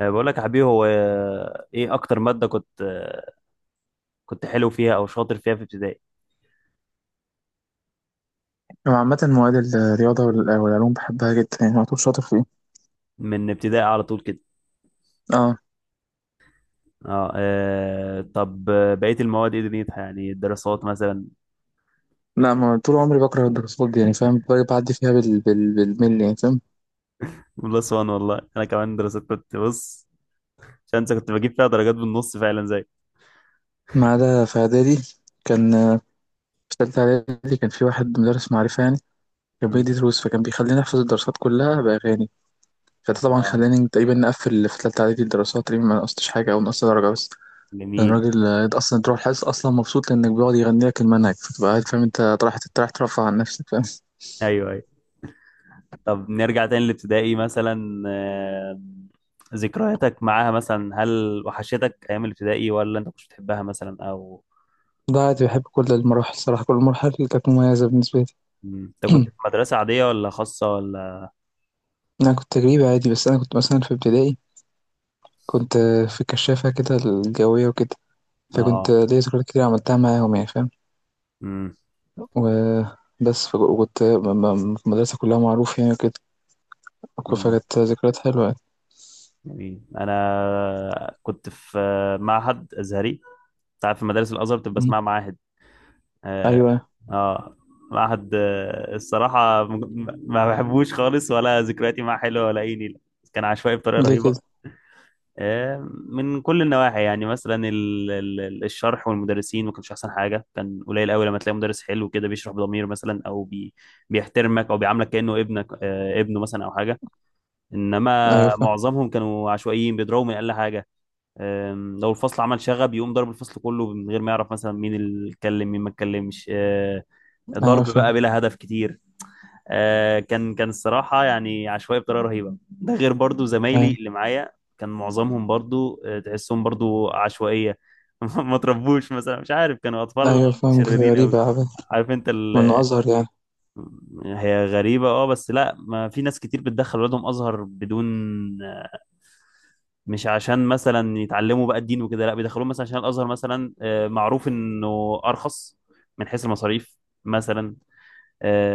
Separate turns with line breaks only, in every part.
بقول لك يا حبيبي، هو ايه اكتر ماده كنت كنت حلو فيها او شاطر فيها في ابتدائي؟
أنا عامة مواد الرياضة والعلوم بحبها جدا، يعني على طول شاطر فيها.
من ابتدائي على طول كده.
اه.
اه. طب، بقيه المواد ايه دنيتها؟ يعني الدراسات مثلا؟
لا، ما طول عمري بكره الدراسات دي، يعني فاهم، بعدي فيها بالملي، يعني فاهم.
بلس وان، والله انا كمان دراسات كنت بص. عشان انت كنت بجيب فيها درجات بالنص فعلا، زي...
ما عدا في إعدادي، كان في تالتة إعدادي كان في واحد مدرس معرفة يعني، كان
امم.
بيدي دروس، فكان بيخليني أحفظ الدراسات كلها بأغاني. فده طبعا
اه.
خلاني تقريبا نقفل في تالتة إعدادي، الدراسات تقريبا ما نقصتش حاجة أو نقصت درجة بس. كان
جميل.
راجل أصلا تروح الحصة أصلا مبسوط، لأنك بيقعد يغني لك المنهج، فتبقى قاعد فاهم، أنت رايح، رايح ترفع عن نفسك، فاهم.
ايوه، ايوه. طب نرجع تاني لابتدائي مثلا، ذكرياتك معاها مثلا، هل وحشتك ايام الابتدائي ولا انت كنتش بتحبها مثلا، او...؟
لا عادي، بحب كل المراحل الصراحة، كل المراحل اللي كانت مميزة بالنسبة
انت كنت
لي.
في مدرسة عادية ولا خاصة ولا...؟
أنا كنت تجريبي عادي، بس أنا كنت مثلا في ابتدائي كنت في الكشافة كده، الجوية وكده. فكنت
اه.
ليا ذكريات كتير عملتها معاهم، يعني فاهم.
امم.
وبس وكنت في المدرسة كلها معروف، يعني وكده.
امم.
فكانت ذكريات حلوة يعني.
جميل. انا كنت في معهد ازهري. انت عارف مدارس الازهر بتبقى
مم.
اسمها معاهد. اه.
أيوة.
آه. معهد، الصراحة ما بحبوش خالص، ولا ذكرياتي معاه حلوة، ولا اي نيلة. كان عشوائي بطريقة
ليه
رهيبة.
كده؟
من كل النواحي، يعني مثلا الشرح والمدرسين ما كانش احسن حاجه. كان قليل قوي لما تلاقي مدرس حلو كده بيشرح بضمير مثلا، او بيحترمك، او بيعاملك كانه ابنك ابنه مثلا او حاجه.
أيوة
انما
فاهم.
معظمهم كانوا عشوائيين بيضربوا من اقل حاجه. لو الفصل عمل شغب يقوم ضرب الفصل كله من غير ما يعرف مثلا مين اللي اتكلم، مين ما اتكلمش.
أيوة
ضرب بقى
فاهم.
بلا هدف كتير. كان كان الصراحة يعني عشوائي بطريقة رهيبة، ده غير برضو زمايلي
أيوة.
اللي معايا. كان معظمهم برضو تحسهم برضو عشوائية. ما تربوش مثلا، مش عارف، كانوا أطفال
أيوة فاهم.
متشردين أوي.
غريبة عبد.
عارف انت ال...
من أزهر يعني.
هي غريبة، اه، بس لا، ما في ناس كتير بتدخل ولادهم أزهر بدون آه، مش عشان مثلا يتعلموا بقى الدين وكده. لا، بيدخلوهم مثلا عشان الأزهر مثلا معروف إنه أرخص من حيث المصاريف مثلا.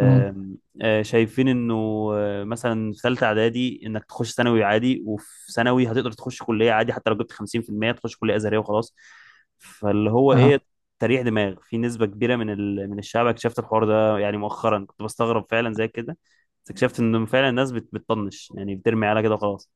مم.
آه، شايفين انه مثلا في ثالثه اعدادي انك تخش ثانوي عادي، وفي ثانوي هتقدر تخش كليه عادي حتى لو جبت 50%. تخش كليه ازهريه وخلاص. فاللي هو
أه.
ايه، تريح دماغ. في نسبه كبيره من ال... من الشعب اكتشفت الحوار ده يعني مؤخرا، كنت بستغرب فعلا زي كده، بس اكتشفت انه فعلا الناس بت... بتطنش، يعني بترمي على كده وخلاص.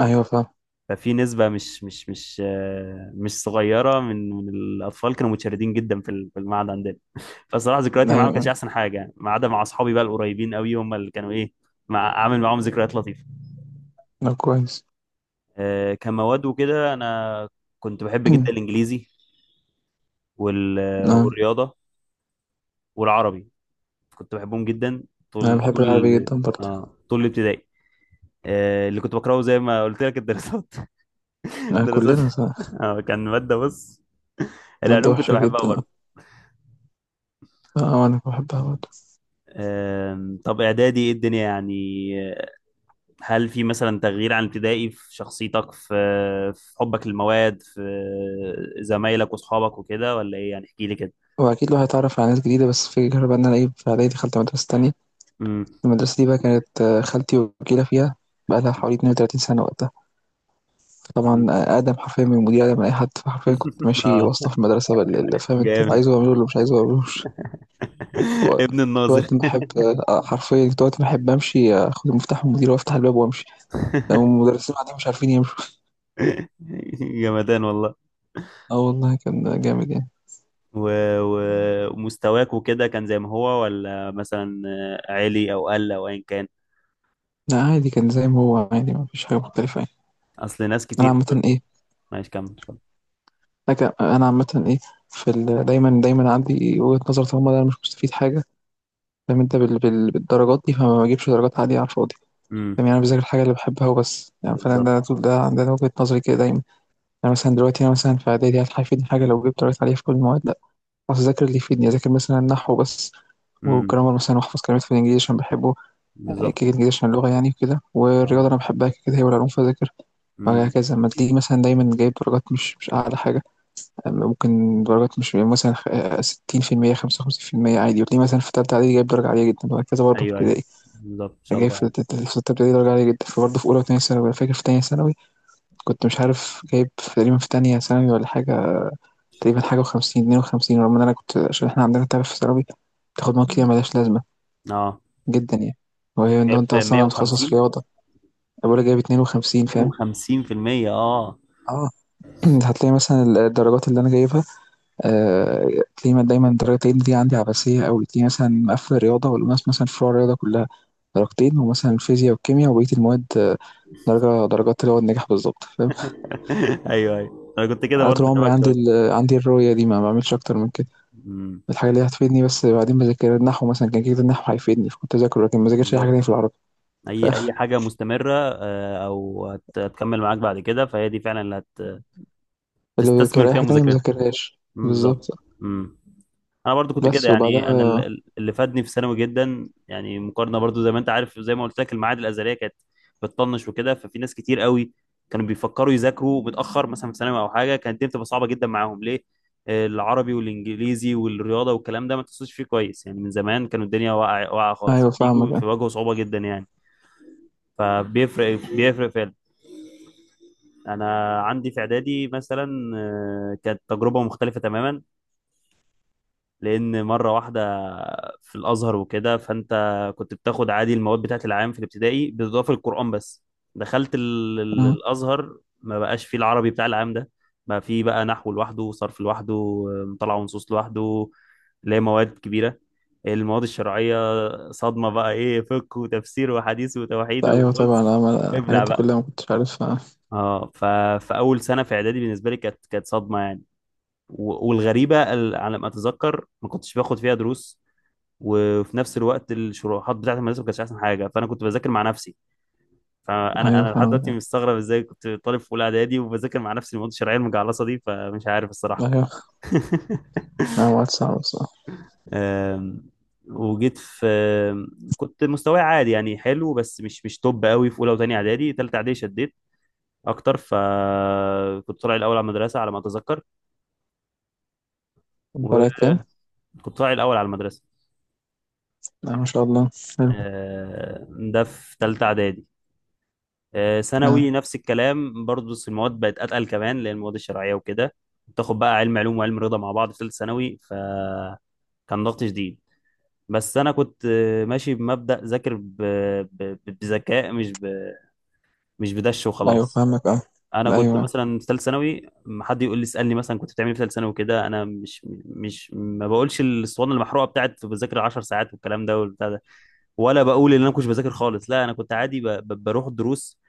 أيوة فاهم.
ففي نسبة مش مش مش مش صغيرة من الأطفال كانوا متشردين جدا في ال- في المعهد عندنا. فصراحة ذكرياتي معاهم ما كانتش
أيوة.
أحسن حاجة يعني، ما عدا مع أصحابي بقى القريبين قوي، هم اللي كانوا إيه، مع عامل معاهم ذكريات لطيفة.
كويس.
كمواد وكده، أنا كنت بحب جدا الإنجليزي،
أه.
والرياضة والعربي، كنت بحبهم جدا.
أنا
طول
بحب العربي
طول
جدا برضه.
طول الابتدائي. اللي كنت بكرهه زي ما قلت لك الدراسات. دراسات.
كلنا صح.
كان مادة بص.
مادة
العلوم كنت
وحشة
بحبها
جدا، اه.
برضه.
انا بحبها برضه.
طب اعدادي ايه الدنيا يعني؟ آه، هل في مثلا تغيير عن ابتدائي في شخصيتك، في في حبك للمواد، في زمايلك واصحابك وكده، ولا ايه يعني؟ احكي لي كده.
هو اكيد الواحد اتعرف على ناس جديدة، بس الفكرة بقى ان انا ايه، في اعدادي دخلت مدرسة تانية.
امم.
المدرسة دي بقى كانت خالتي وكيلة فيها، بقى لها حوالي 32 سنة وقتها.
أمم.
طبعا اقدم حرفيا من المدير، اقدم من اي حد، فحرفيا كنت ماشي
اه.
واسطة في المدرسة اللي فاهم انت، اللي
جامد.
عايزه اعمله اللي مش عايزه اعملوش.
ابن الناظر.
وقت ما احب حرفيا كنت وقت ما احب امشي اخد المفتاح من المدير وافتح الباب وامشي، لو المدرسين قاعدين مش عارفين يمشوا.
جمدان والله.
اه والله كان جامد يعني.
و... و... ومستواك وكده كان زي ما هو، ولا مثلا عالي او قل او ايا كان؟
لا عادي، كان زي ما هو عادي، ما فيش حاجة مختلفة يعني.
اصل ناس
أنا
كتير...
عامةً
ماشي، كمل.
حاجة، أنا عامةً في ال دايمًا دايمًا عندي وجهة نظر، طالما أنا مش مستفيد حاجة، فاهم أنت، بالدرجات دي، فما باجيبش درجات عالية على الفاضي،
امم.
فاهم. يعني أنا باذاكر الحاجة اللي باحبها وبس، يعني فأنا
بالظبط.
ده طول ده وجهة نظري كده دايمًا. يعني مثلًا دلوقتي أنا مثلًا في إعدادي، هل هيفيدني حاجة لو جبت درجات عالية في كل المواد؟ لأ. خلاص أذاكر اللي يفيدني، أذاكر مثلًا النحو بس
امم.
والجرامر مثلًا، وأحفظ كلمات في الإنجليزي عشان باحبه، كده
بالظبط.
الإنجليزي عشان اللغة يعني وكده. والرياضة أنا باحبها كده كده، هي والعلوم فأذاكرها.
اه.
وهكذا، أمّا تلاقيني مثلًا دايمًا جايب درجات مش أعلى حاجة. ممكن درجات مش مثلا 60%، 55%، عادي. وتلاقيه مثلا في تالتة إعدادي جايب درجة عالية جدا، وهكذا. برضه في
ايوه، ايوه.
ابتدائي
بالظبط، ان شاء
جايب
الله
في
يعني.
في ستة ابتدائي درجة عالية جدا، فبرضه في أولى وتانية ثانوي. أنا فاكر في تانية ثانوي كنت مش عارف جايب تقريبا، في تانية ثانوي ولا حاجة، تقريبا حاجة وخمسين، 52، رغم إن أنا كنت، عشان إحنا عندنا تعرف في ثانوي تاخد مواد كتير ملهاش لازمة
اه،
جدا يعني، وهي لو
جايب
أنت أصلا متخصص
150.
رياضة. أبويا جايب 52، فاهم.
52%، اه.
اه. هتلاقي مثلا الدرجات اللي أنا جايبها آه، تلاقيه دايما الدرجتين دي عندي عباسية أوي، تلاقيه مثلا مقفل الرياضة والأوناس، مثلا في فروع الرياضة كلها درجتين، ومثلا الفيزياء والكيمياء وبقية المواد درجة، درجات اللي هو النجاح بالظبط، فاهم.
ايوه، ايوه، انا كنت كده
أنا طول
برضه،
عمري
شبك شويه.
عندي الرؤية دي، ما بعملش أكتر من كده،
امم.
الحاجة اللي هتفيدني بس. بعدين بذاكر النحو مثلا، كان كده النحو هيفيدني فكنت أذاكره، لكن ما ذاكرش أي حاجة
بالظبط.
تانية في العربي.
اي اي حاجه مستمره او هتكمل معاك بعد كده، فهي دي فعلا اللي
فاللي
هتستثمر
بذاكر أي
فيها
حاجة تانية ما
مذاكرتك.
ذاكرهاش
مم،
بالظبط.
بالظبط. مم. انا برضو كنت كده
بس
يعني، انا ال-
وبعدها.
ال- اللي فادني في ثانوي جدا يعني، مقارنه برضو زي ما انت عارف، زي ما قلت لك المعاهد الازهريه كانت بتطنش وكده. ففي ناس كتير قوي كانوا بيفكروا يذاكروا متاخر مثلا في ثانوي او حاجه، كانت الدنيا بتبقى صعبه جدا معاهم، ليه؟ العربي والانجليزي والرياضه والكلام ده ما تحسوش فيه كويس يعني من زمان، كانوا الدنيا واقعه خالص،
أيوة
فبيجوا
فاهمك.
بيواجهوا صعوبه جدا يعني. فبيفرق، بيفرق فعلا. انا عندي في اعدادي مثلا كانت تجربه مختلفه تماما، لان مره واحده في الازهر وكده. فانت كنت بتاخد عادي المواد بتاعت العام في الابتدائي بالاضافه للقران بس. دخلت ال- ال-
أمم.
الازهر، ما بقاش فيه العربي بتاع العام ده. بقى فيه بقى نحو لوحده، صرف لوحده، مطالعه ونصوص لوحده، اللي هي مواد كبيره. المواد الشرعيه صدمه بقى، ايه، فقه وتفسير وحديث وتوحيد،
أيوه طبعا،
وبص
أنا الحاجات
ابلع
دي
بقى.
كلها ما كنتش عارفها.
اه، ف... فاول سنه في اعدادي بالنسبه لي كانت كانت صدمه يعني. والغريبه ال- على ما اتذكر، ما كنتش باخد فيها دروس، وفي نفس الوقت الشروحات بتاعت المدرسه ما كانتش احسن حاجه، فانا كنت بذاكر مع نفسي. فانا
أيوه
انا لحد دلوقتي
فاهمك.
مستغرب ازاي كنت طالب في اولى اعدادي وبذاكر مع نفسي المواد الشرعيه المجعلصه دي. فمش عارف الصراحه.
أيوه. اه، وقت صعب الصراحة.
أم، وجيت في آم، كنت مستواي عادي يعني، حلو بس مش توب قوي في اولى وثانيه اعدادي. ثالثه اعدادي شديت اكتر، فكنت طالع الاول على المدرسه على ما اتذكر،
طلعت كام؟
وكنت طالع الاول على المدرسه.
اه ما شاء الله. حلو.
أه، ده في ثالثه اعدادي. ثانوي
اه.
نفس الكلام برضه، بس المواد بقت اتقل كمان، اللي هي المواد الشرعيه وكده. بتاخد بقى علم علوم وعلم رياضه مع بعض في ثالثه ثانوي، فكان ضغط شديد. بس انا كنت ماشي بمبدا ذاكر بذكاء، مش ب... مش بدش
ايوه
وخلاص.
فاهمك اه.
انا كنت
ايوه.
مثلا في ثالثه ثانوي، ما حد يقول لي اسالني مثلا كنت بتعمل إيه في ثالثه ثانوي كده، انا مش ما بقولش الاسطوانه المحروقه بتاعت بذاكر 10 ساعات والكلام ده والبتاع ده، ولا بقول ان انا ما كنتش بذاكر خالص. لا، انا كنت عادي ب... بروح الدروس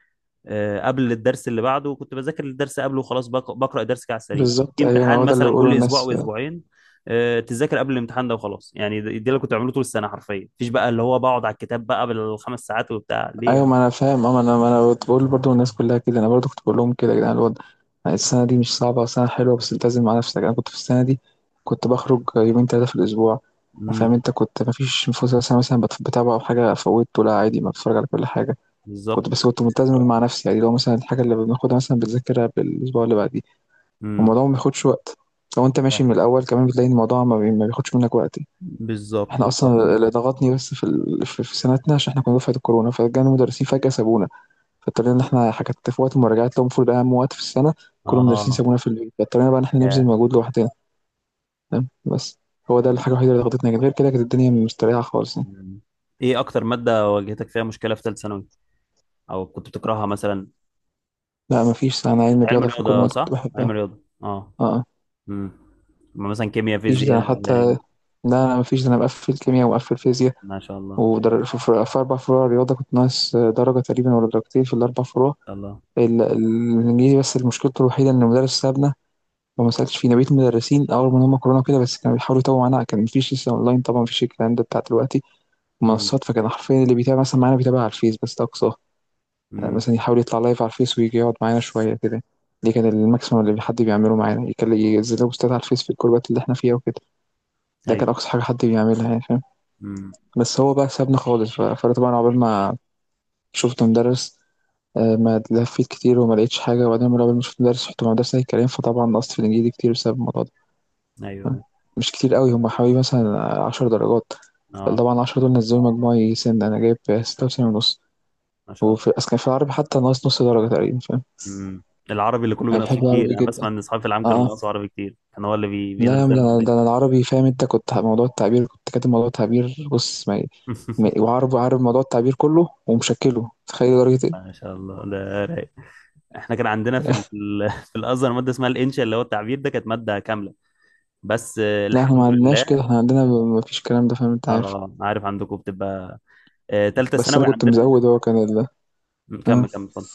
قبل الدرس اللي بعده، وكنت بذاكر الدرس قبله وخلاص، بقرا الدرس كده على السريع. في
بالظبط ايوه،
امتحان
هو ده اللي
مثلا
بقوله
كل اسبوع او
الناس.
اسبوعين تذاكر قبل الامتحان ده وخلاص يعني. ده اللي كنت بعمله طول السنه حرفيا، مفيش بقى اللي هو بقعد على الكتاب بقى بالخمس ساعات وبتاع ليه
ايوه
يعني.
ما انا فاهم اه، ما انا كنت بقول برضو الناس كلها كده. انا برضو كنت بقول لهم كده، يا جدعان، الوضع يعني السنه دي مش صعبه، سنه حلوه بس التزم مع نفسك. انا كنت في السنه دي كنت بخرج يومين ثلاثه في الاسبوع،
امم.
فاهم انت، كنت ما فيش فوز مثلا بتابع او حاجه فوتته، لا عادي، ما بتفرج على كل حاجه.
بالظبط.
كنت بس كنت ملتزم مع نفسي يعني، لو مثلا الحاجه اللي بناخدها مثلا بتذاكرها بالاسبوع اللي بعديه،
امم.
والموضوع ما بياخدش وقت. لو انت ماشي من
فاهم.
الاول كمان، بتلاقي إن الموضوع ما بياخدش منك وقت.
بالظبط،
احنا
بالظبط.
اصلا اللي ضغطني بس في ال... في في سنتنا، عشان احنا كنا دفعه الكورونا، فجانا مدرسين فجاه سابونا. فاضطرينا ان احنا حكت في وقت المراجعات، لو المفروض اهم وقت في السنه كل المدرسين
اه،
سابونا في البيت، فاضطرينا بقى ان احنا نبذل
يا...
مجهود لوحدنا. تمام، بس هو ده
مم.
الحاجه الوحيده اللي ضغطتنا، لكن غير كده كانت الدنيا مستريحه خالص يعني.
مم. ايه اكتر ماده واجهتك فيها مشكله في ثالث ثانوي، او كنت بتكرهها مثلا؟
لا مفيش، انا علم
كنت علم
رياضه، في كل
رياضه،
المواد كنت
صح؟ علم
بحبها.
رياضه، اه.
اه
امم. مثلا كيمياء،
مفيش ده، أنا
فيزياء؟
حتى لا، انا مفيش ده، انا مقفل كيمياء ومقفل فيزياء.
ما شاء الله. ما
في أربع فروع رياضة كنت ناقص درجة تقريبا ولا درجتين في الأربع فروع.
شاء الله.
الإنجليزي بس مشكلته الوحيدة إن المدرس سابنا، وما سألتش فيه. أنا بقيت المدرسين أول ما هم كورونا كده بس، كانوا بيحاولوا يتوهوا معانا، كان مفيش لسه أونلاين طبعا، مفيش الكلام ده بتاع دلوقتي،
امم.
منصات. فكان حرفيا اللي بيتابع مثلا معانا، بيتابع على الفيس بس، ده أقصاه. يعني
امم.
مثلا يحاول يطلع لايف على الفيس ويجي يقعد معانا شوية كده، دي كان الماكسيمم اللي حد بيعمله معانا، يكلم، ينزل بوستات على الفيس في الجروبات اللي احنا فيها وكده. ده كان
ايوه.
أقصى حاجة حد بيعملها يعني، فاهم.
امم.
بس هو بقى سابنا خالص، فأنا طبعا عقبال ما شفت مدرس ما لفيت كتير وما لقيتش حاجة. وبعدين لما شفت مدرس رحت مدرسة الكلام، فطبعا نقصت في الإنجليزي كتير بسبب الموضوع ده، فاهم؟
ايوه.
مش كتير قوي، هم حوالي مثلا 10 درجات.
اه.
طبعا العشرة دول نزلوا مجموعي، سن أنا جايب 96.5.
ما شاء
وفي
الله.
أصل كان في العربي حتى ناقص نص درجة تقريبا، فاهم.
امم. العربي اللي كله
أنا
بينقص فيه
بحب
كتير،
العربي
انا بسمع
جدا.
ان اصحابي في العام كانوا
آه آه.
بينقصوا عربي كتير، كان هو اللي بي...
لا يا عم، ده
بينزلهم
أنا
دايما.
ده أنا العربي، فاهم أنت، كنت موضوع التعبير، كنت كاتب موضوع التعبير بص، وعارف، عارف موضوع التعبير كله، ومشكله تخيل درجة إيه.
ما شاء الله، ده رايق. احنا كان عندنا في ال... في ال- في الازهر ماده اسمها الانشاء، اللي هو التعبير ده، كانت ماده كامله. بس
لا احنا
الحمد
ما
لله.
عندناش كده، احنا عندنا مفيش الكلام ده، فاهم أنت عارف.
اه، عارف، عندكم بتبقى تالتة
بس انا
ثانوي
كنت
عندنا...
مزود، هو كان
كمل، كمل،
اه.
اتفضل.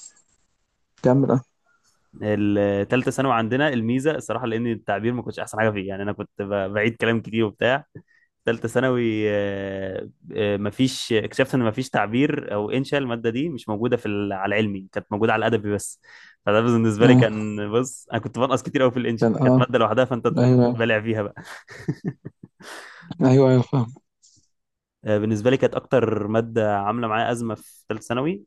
كمل اه.
الثالثه ثانوي عندنا الميزه الصراحه، لان التعبير ما كنتش احسن حاجه فيه يعني، انا كنت بعيد كلام كتير وبتاع. ثالثه ثانوي مفيش، اكتشفت ان مفيش تعبير او انشاء، الماده دي مش موجوده في ال- على العلمي، كانت موجوده على الادبي بس. فده بالنسبه لي
اه
كان بص، انا كنت بنقص كتير قوي في الانشاء،
كان
كانت
اه.
ماده لوحدها، فانت تقوم
ايوه
بلع فيها بقى.
ايوه. ايوه فاهم.
بالنسبه لي كانت اكتر ماده عامله معايا ازمه في ثالثه ثانوي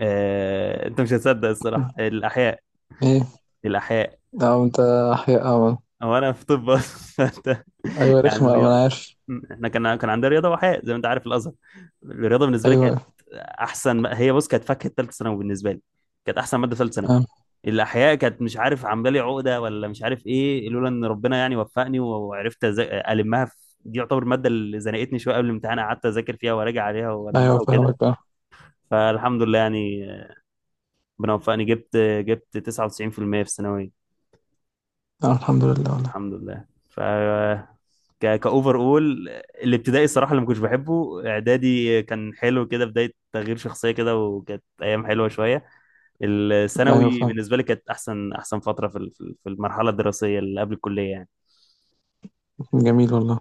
انت مش هتصدق الصراحه، الاحياء.
ايه
الاحياء.
اه انت. احياء اه.
هو انا في طب اصلا. فأنت-
ايوه
يعني
رخمة اه، انا
الرياضه،
عارف.
احنا كان كان عندنا رياضه واحياء زي ما انت عارف الازهر. الرياضه بالنسبه لي كانت
ايوه
احسن، هي بص كانت فاكهه ثالثه ثانوي بالنسبه لي، كانت احسن ماده ثالثه ثانوي.
اه.
الاحياء كانت مش عارف عامله لي عقده، ولا مش عارف ايه. لولا ان ربنا يعني وفقني، وعرفت المها في... دي يعتبر الماده اللي زنقتني شويه، قبل الامتحان قعدت اذاكر فيها وراجع عليها
ايوه
والمها وكده،
فاهمك اه.
فالحمد لله يعني. ربنا وفقني، جبت 99% في المية في الثانويه.
اه الحمد لله والله.
الحمد لله. ف ك كاوفر اول. الابتدائي الصراحه اللي ما كنتش بحبه، اعدادي كان حلو كده، بدايه تغيير شخصيه كده، وكانت ايام حلوه شويه.
ايوه
الثانوي
فاهم.
بالنسبه لي كانت احسن احسن فتره في ال- في ال- في المرحله الدراسيه اللي قبل الكليه يعني.
جميل والله.